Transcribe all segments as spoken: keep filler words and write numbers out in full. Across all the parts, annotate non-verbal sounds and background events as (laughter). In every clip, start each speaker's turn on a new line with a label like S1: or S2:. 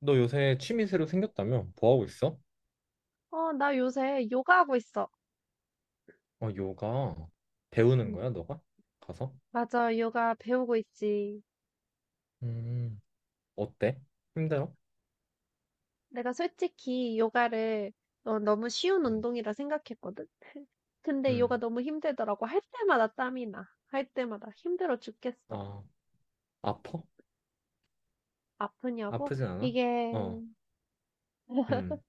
S1: 너 요새 취미 새로 생겼다며? 뭐 하고 있어?
S2: 어, 나 요새 요가하고 있어.
S1: 어, 요가 배우는
S2: 음,
S1: 거야, 너가? 가서?
S2: 맞아, 요가 배우고 있지.
S1: 음, 어때? 힘들어?
S2: 내가 솔직히 요가를 어, 너무 쉬운
S1: 음,
S2: 운동이라 생각했거든. (laughs) 근데 요가
S1: 음.
S2: 너무 힘들더라고. 할 때마다 땀이 나. 할 때마다 힘들어 죽겠어.
S1: 아, 아파?
S2: 아프냐고?
S1: 아프진 않아?
S2: 이게
S1: 어, 음,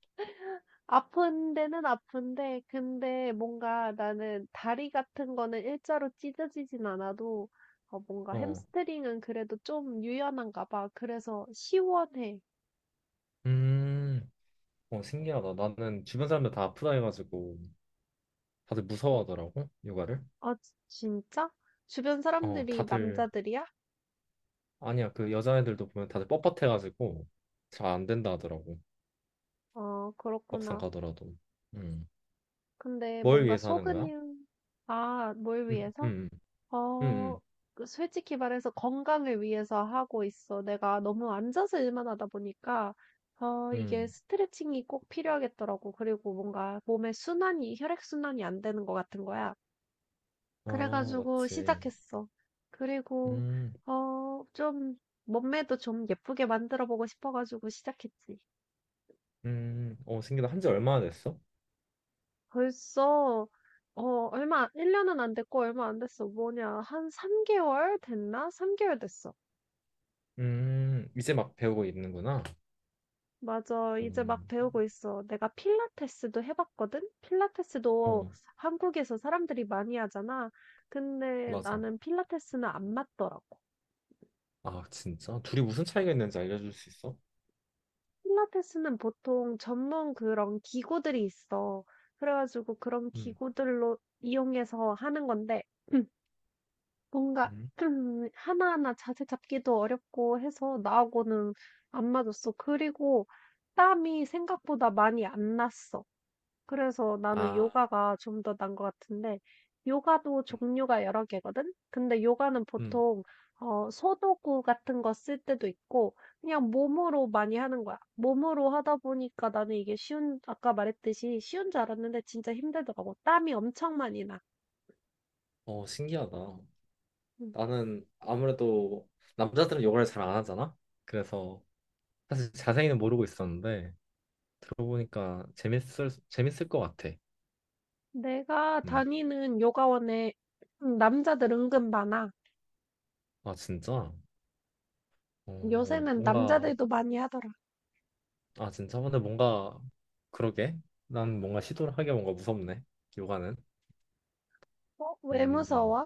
S2: 아픈 데는 아픈데, 근데 뭔가 나는 다리 같은 거는 일자로 찢어지진 않아도 어, 뭔가
S1: 어,
S2: 햄스트링은 그래도 좀 유연한가 봐. 그래서 시원해.
S1: 음, 어, 신기하다. 나는 주변 사람들 다 아프다 해가지고 다들
S2: 어,
S1: 무서워하더라고, 요가를.
S2: 아, 지- 진짜? 주변
S1: 어,
S2: 사람들이
S1: 다들,
S2: 남자들이야?
S1: 아니야, 그 여자애들도 보면 다들 뻣뻣해가지고 잘 안 된다 하더라고,
S2: 어,
S1: 막상
S2: 그렇구나.
S1: 가더라도. 음,
S2: 근데
S1: 뭘
S2: 뭔가
S1: 위해서 하는 거야?
S2: 속은, 아, 뭘
S1: 음,
S2: 위해서?
S1: 음, 음,
S2: 어,
S1: 음.
S2: 그 솔직히 말해서 건강을 위해서 하고 있어. 내가 너무 앉아서 일만 하다 보니까, 어, 이게
S1: 음.
S2: 스트레칭이 꼭 필요하겠더라고. 그리고 뭔가 몸의 순환이, 혈액순환이 안 되는 것 같은 거야.
S1: 아,
S2: 그래가지고
S1: 맞지.
S2: 시작했어.
S1: 음,
S2: 그리고,
S1: 음,
S2: 어, 좀, 몸매도 좀 예쁘게 만들어 보고 싶어가지고 시작했지.
S1: 음. 어, 신기하다. 한지 얼마나 됐어?
S2: 벌써 어 얼마 일 년은 안 됐고 얼마 안 됐어. 뭐냐? 한 삼 개월 됐나? 삼 개월 됐어.
S1: 음, 이제 막 배우고 있는구나.
S2: 맞아. 이제 막
S1: 음,
S2: 배우고 있어. 내가 필라테스도 해 봤거든. 필라테스도
S1: 어,
S2: 한국에서 사람들이 많이 하잖아. 근데
S1: 맞아.
S2: 나는 필라테스는 안 맞더라고.
S1: 아, 진짜? 둘이 무슨 차이가 있는지 알려줄 수 있어?
S2: 필라테스는 보통 전문 그런 기구들이 있어. 그래 가지고 그런
S1: 음,
S2: 기구들로 이용해서 하는 건데 (clears throat) 뭔가
S1: 음.
S2: 좀 하나하나 자세 잡기도 어렵고 해서 나하고는 안 맞았어. 그리고 땀이 생각보다 많이 안 났어. 그래서 나는
S1: 아,
S2: 요가가 좀 더 난 것 같은데, 요가도
S1: 음,
S2: 종류가 여러 개거든? 근데 요가는
S1: 음.
S2: 보통, 어, 소도구 같은 거 쓸 때도 있고, 그냥 몸으로 많이 하는 거야. 몸으로 하다 보니까 나는 이게 쉬운, 아까 말했듯이 쉬운 줄 알았는데 진짜 힘들더라고. 땀이 엄청 많이 나.
S1: 어, 신기하다.
S2: 음.
S1: 나는 아무래도 남자들은 요가를 잘 안 하잖아? 그래서 사실 자세히는 모르고 있었는데 들어보니까 재밌을, 재밌을 것 같아.
S2: 내가
S1: 음,
S2: 다니는 요가원에 음, 남자들 은근 많아.
S1: 아, 진짜? 어,
S2: 요새는
S1: 뭔가
S2: 남자들도 많이 하더라.
S1: 아, 진짜? 근데 뭔가, 그러게. 난 뭔가 시도를 하기가 뭔가 무섭네. 요가는.
S2: 어? 왜
S1: 음.
S2: 무서워?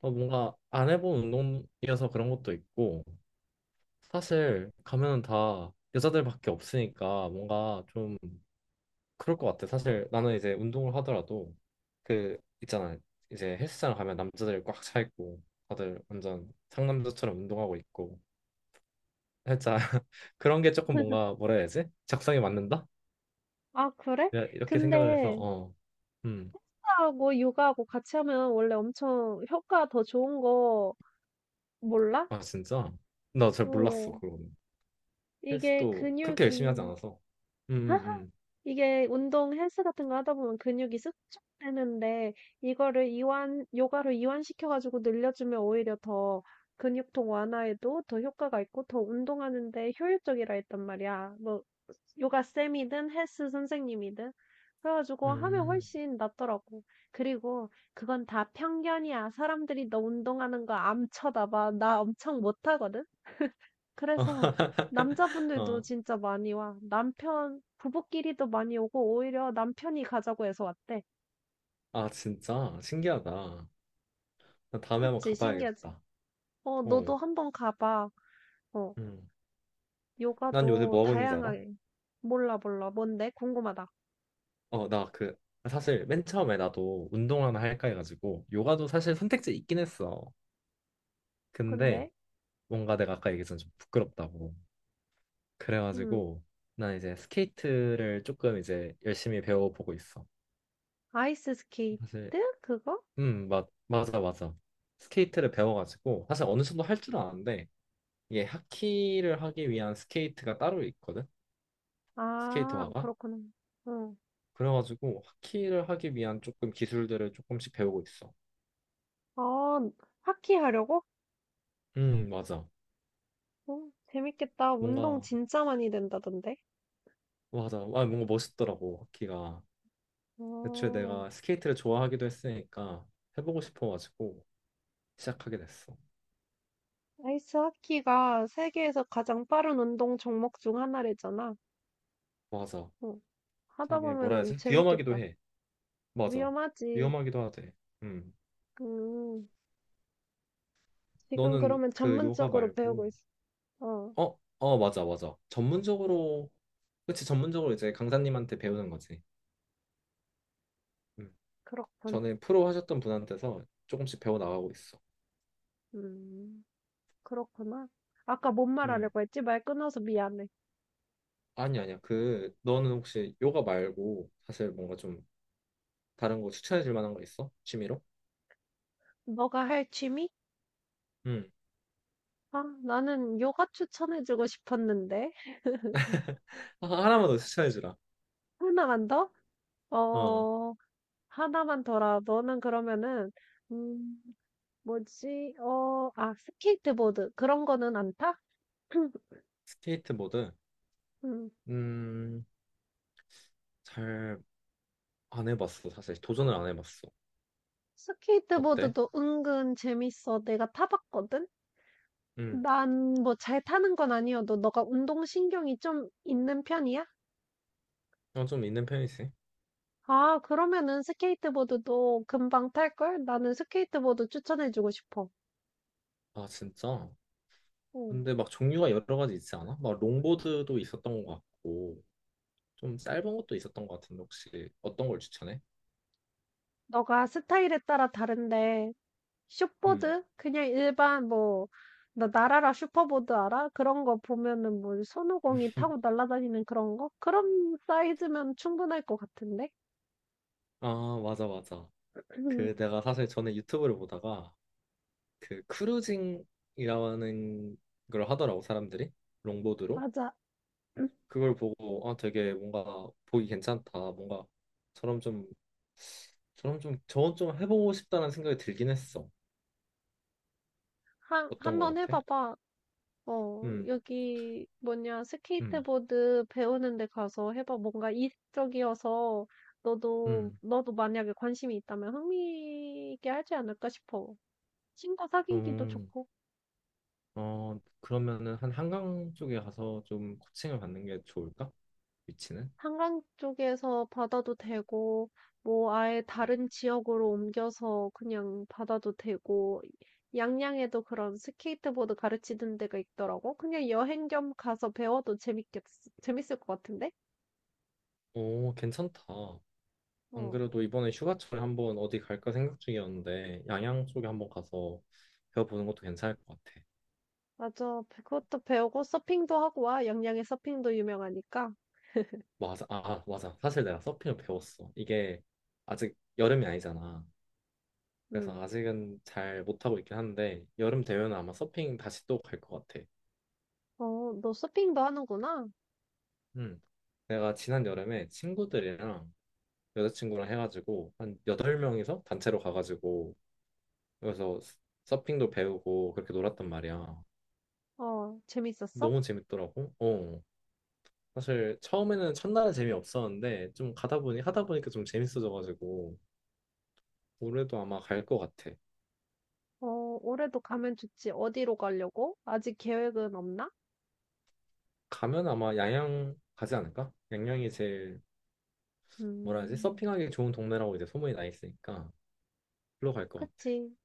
S1: 어, 뭔가 안 해본 운동이어서 그런 것도 있고, 사실 가면은 다 여자들밖에 없으니까 뭔가 좀 그럴 것 같아. 사실 나는 이제 운동을 하더라도, 그, 있잖아. 이제 헬스장 가면 남자들이 꽉 차 있고, 다들 완전 상남자처럼 운동하고 있고, 살짝 (laughs) 그런 게 조금 뭔가 뭐라 해야 되지? 적성에 맞는다?
S2: 아, 그래?
S1: 이렇게 생각을 해서,
S2: 근데
S1: 어. 음.
S2: 하고 요가하고 같이 하면 원래 엄청 효과 더 좋은 거 몰라?
S1: 아 진짜? 나 잘 몰랐어
S2: 어,
S1: 그거는.
S2: 이게
S1: 헬스도 그렇게 열심히 하지
S2: 근육이
S1: 않아서. 음, 음,
S2: 이게 운동 헬스 같은 거 하다 보면 근육이 수축되는데 이거를 이완 요가로 이완시켜 가지고 늘려주면 오히려 더 근육통 완화에도 더 효과가 있고 더 운동하는 데 효율적이라 했단 말이야. 뭐 요가 쌤이든 헬스 선생님이든 그래가지고 하면
S1: 음.
S2: 훨씬 낫더라고. 그리고 그건 다 편견이야. 사람들이 너 운동하는 거 암 쳐다봐. 나 엄청 못하거든.
S1: 아
S2: 그래서
S1: (laughs)
S2: 남자분들도
S1: 어.
S2: 진짜 많이 와. 남편 부부끼리도 많이 오고 오히려 남편이 가자고 해서 왔대.
S1: 아 진짜 신기하다. 나 다음에 한번
S2: 그치? 신기하지?
S1: 가봐야겠다.
S2: 어, 너도
S1: 어.
S2: 한번 가봐. 어,
S1: 음. 난 요새
S2: 요가도
S1: 뭐 하고 있는지 알아?
S2: 다양하게. 몰라, 몰라. 뭔데? 궁금하다.
S1: 어, 나 그 사실 맨 처음에 나도 운동 하나 할까 해가지고 요가도 사실 선택지 있긴 했어. 근데
S2: 근데,
S1: 뭔가 내가 아까 얘기했던 좀 부끄럽다고.
S2: 음,
S1: 그래가지고 난 이제 스케이트를 조금 이제 열심히 배워보고 있어.
S2: 아이스 스케이트?
S1: 사실
S2: 그거?
S1: 음, 맞, 맞아, 맞아. 스케이트를 배워가지고, 사실 어느 정도 할 줄 아는데, 이게 하키를 하기 위한 스케이트가 따로 있거든?
S2: 아,
S1: 스케이트화가?
S2: 그렇구나. 응.
S1: 그래가지고, 하키를 하기 위한 조금 기술들을 조금씩 배우고 있어.
S2: 아, 하키 하려고?
S1: 음, 맞아.
S2: 어, 재밌겠다. 운동
S1: 뭔가,
S2: 진짜 많이 된다던데.
S1: 맞아. 아, 뭔가 멋있더라고, 하키가. 애초에
S2: 어.
S1: 내가 스케이트를 좋아하기도 했으니까, 해보고 싶어가지고, 시작하게 됐어.
S2: 아이스 하키가 세계에서 가장 빠른 운동 종목 중 하나래잖아.
S1: 맞아.
S2: 어, 하다
S1: 되게, 뭐라
S2: 보면은
S1: 해야지? 위험하기도
S2: 재밌겠다.
S1: 해. 맞아.
S2: 위험하지.
S1: 위험하기도 하대. 음.
S2: 음, 지금
S1: 너는
S2: 그러면
S1: 그 요가
S2: 전문적으로 배우고
S1: 말고,
S2: 있어. 어,
S1: 어, 어, 맞아, 맞아. 전문적으로, 그치, 전문적으로 이제 강사님한테 배우는 거지. 음.
S2: 그렇군.
S1: 전에 프로 하셨던 분한테서 조금씩 배워 나가고 있어.
S2: 음, 그렇구나. 아까 뭔
S1: 음.
S2: 말하려고 했지? 말 끊어서 미안해.
S1: 아니, 아니야. 그, 너는 혹시 요가 말고 사실 뭔가 좀 다른 거 추천해 줄 만한 거 있어? 취미로?
S2: 너가 할 취미?
S1: 음.
S2: 아, 나는 요가 추천해주고 싶었는데. (laughs)
S1: 아, 하나만 더 추천해 주라.
S2: 하나만 더?
S1: 어,
S2: 어, 하나만 더라. 너는 그러면은, 음, 뭐지? 어, 아, 스케이트보드. 그런 거는 안 타? (clears throat)
S1: 스케이트보드.
S2: 음,
S1: 음, 잘 안 해봤어. 사실 도전을 안 해봤어. 어때?
S2: 스케이트보드도 은근 재밌어. 내가 타봤거든?
S1: 음,
S2: 난 뭐 잘 타는 건 아니어도 너가 운동신경이 좀 있는 편이야?
S1: 어, 좀 있는 편이지.
S2: 아, 그러면은 스케이트보드도 금방 탈걸? 나는 스케이트보드 추천해주고 싶어.
S1: 아, 진짜?
S2: 응.
S1: 근데 막 종류가 여러 가지 있지 않아? 막 롱보드도 있었던 것 같고 좀 짧은 것도 있었던 것 같은데 혹시 어떤 걸 추천해?
S2: 너가 스타일에 따라 다른데
S1: 음.
S2: 숏보드? 그냥 일반 뭐 나 나라라 슈퍼보드 알아? 그런 거 보면은 뭐 손오공이 타고 날아다니는 그런 거? 그런 사이즈면 충분할 것 같은데?
S1: 아 맞아 맞아. 그
S2: (clears throat)
S1: 내가 사실 전에 유튜브를 보다가 그 크루징이라는 걸 하더라고 사람들이 롱보드로
S2: 맞아. (clears throat)
S1: 그걸 보고 아 되게 뭔가 보기 괜찮다 뭔가 저럼 좀 저럼 좀 저건 좀 해보고 싶다는 생각이 들긴 했어.
S2: 한,
S1: 어떤 것
S2: 한번
S1: 같아?
S2: 해봐봐. 어,
S1: 음.
S2: 여기 뭐냐,
S1: 음.
S2: 스케이트보드 배우는 데 가서 해봐. 뭔가 이색적이어서 너도,
S1: 음.
S2: 너도 만약에 관심이 있다면 흥미 있게 하지 않을까 싶어. 친구 사귀기도
S1: 음.
S2: 좋고.
S1: 어, 그러면은 한 한강 쪽에 가서 좀 코칭을 받는 게 좋을까? 위치는?
S2: 한강 쪽에서 받아도 되고, 뭐 아예
S1: 음.
S2: 다른 지역으로 옮겨서 그냥 받아도 되고, 양양에도 그런 스케이트보드 가르치는 데가 있더라고. 그냥 여행 겸 가서 배워도 재밌겠, 재밌을 것 같은데?
S1: 오, 괜찮다. 안
S2: 어,
S1: 그래도 이번에 휴가철에 한번 어디 갈까 생각 중이었는데 양양 쪽에 한번 가서 배워보는 것도 괜찮을 것 같아.
S2: 맞아. 그것도 배우고 서핑도 하고 와. 양양에 서핑도 유명하니까.
S1: 맞아, 아, 아, 맞아. 사실 내가 서핑을 배웠어. 이게 아직 여름이 아니잖아.
S2: 응.
S1: 그래서 아직은 잘 못하고 있긴 한데 여름 되면 아마 서핑 다시 또 갈 것 같아.
S2: 어, 너 서핑도 하는구나.
S1: 음. 내가 지난 여름에 친구들이랑 여자친구랑 해가지고 한 여덟 명이서 단체로 가가지고 그래서 서핑도 배우고 그렇게 놀았단 말이야.
S2: 어, 재밌었어?
S1: 너무 재밌더라고. 어. 사실 처음에는 첫날은 재미없었는데 좀 가다 보니 하다 보니까 좀 재밌어져가지고 올해도 아마 갈 것 같아.
S2: 어, 올해도 가면 좋지. 어디로 가려고? 아직 계획은 없나?
S1: 가면 아마 양양 가지 않을까? 양양이 제일 뭐라 해야지?
S2: 음.
S1: 서핑하기 좋은 동네라고 이제 소문이 나 있으니까 글로 갈 것 같아.
S2: 그치.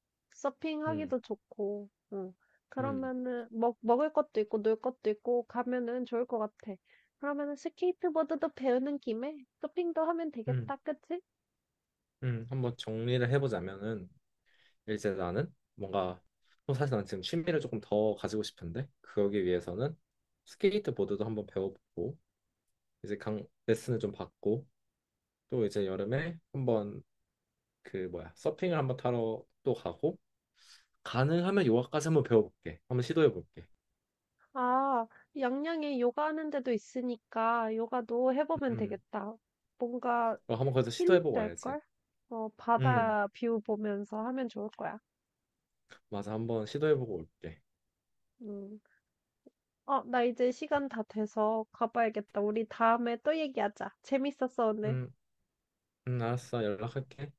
S1: 음,
S2: 서핑하기도 좋고, 응.
S1: 음,
S2: 그러면은, 먹, 먹을 것도 있고, 놀 것도 있고, 가면은 좋을 것 같아. 그러면은 스케이트보드도 배우는 김에 서핑도 하면
S1: 음,
S2: 되겠다, 그치?
S1: 음. 한번 정리를 해보자면은 이제 나는 뭔가 어, 사실 난 지금 취미를 조금 더 가지고 싶은데 그러기 위해서는 스케이트보드도 한번 배워보고 이제 강 레슨을 좀 받고 또 이제 여름에 한번 그 뭐야 서핑을 한번 타러 또 가고 가능하면 요가까지 한번 배워볼게 한번 시도해볼게
S2: 아, 양양에 요가 하는 데도 있으니까, 요가도 해보면
S1: 음
S2: 되겠다. 뭔가
S1: 어, 한번 거기서
S2: 힐링
S1: 시도해보고 와야지
S2: 될걸? 어,
S1: 음
S2: 바다 뷰 보면서 하면 좋을 거야.
S1: 맞아 한번 시도해보고 올게
S2: 음. 어, 나 이제 시간 다 돼서 가봐야겠다. 우리 다음에 또 얘기하자. 재밌었어, 오늘.
S1: 음, 음 알았어 연락할게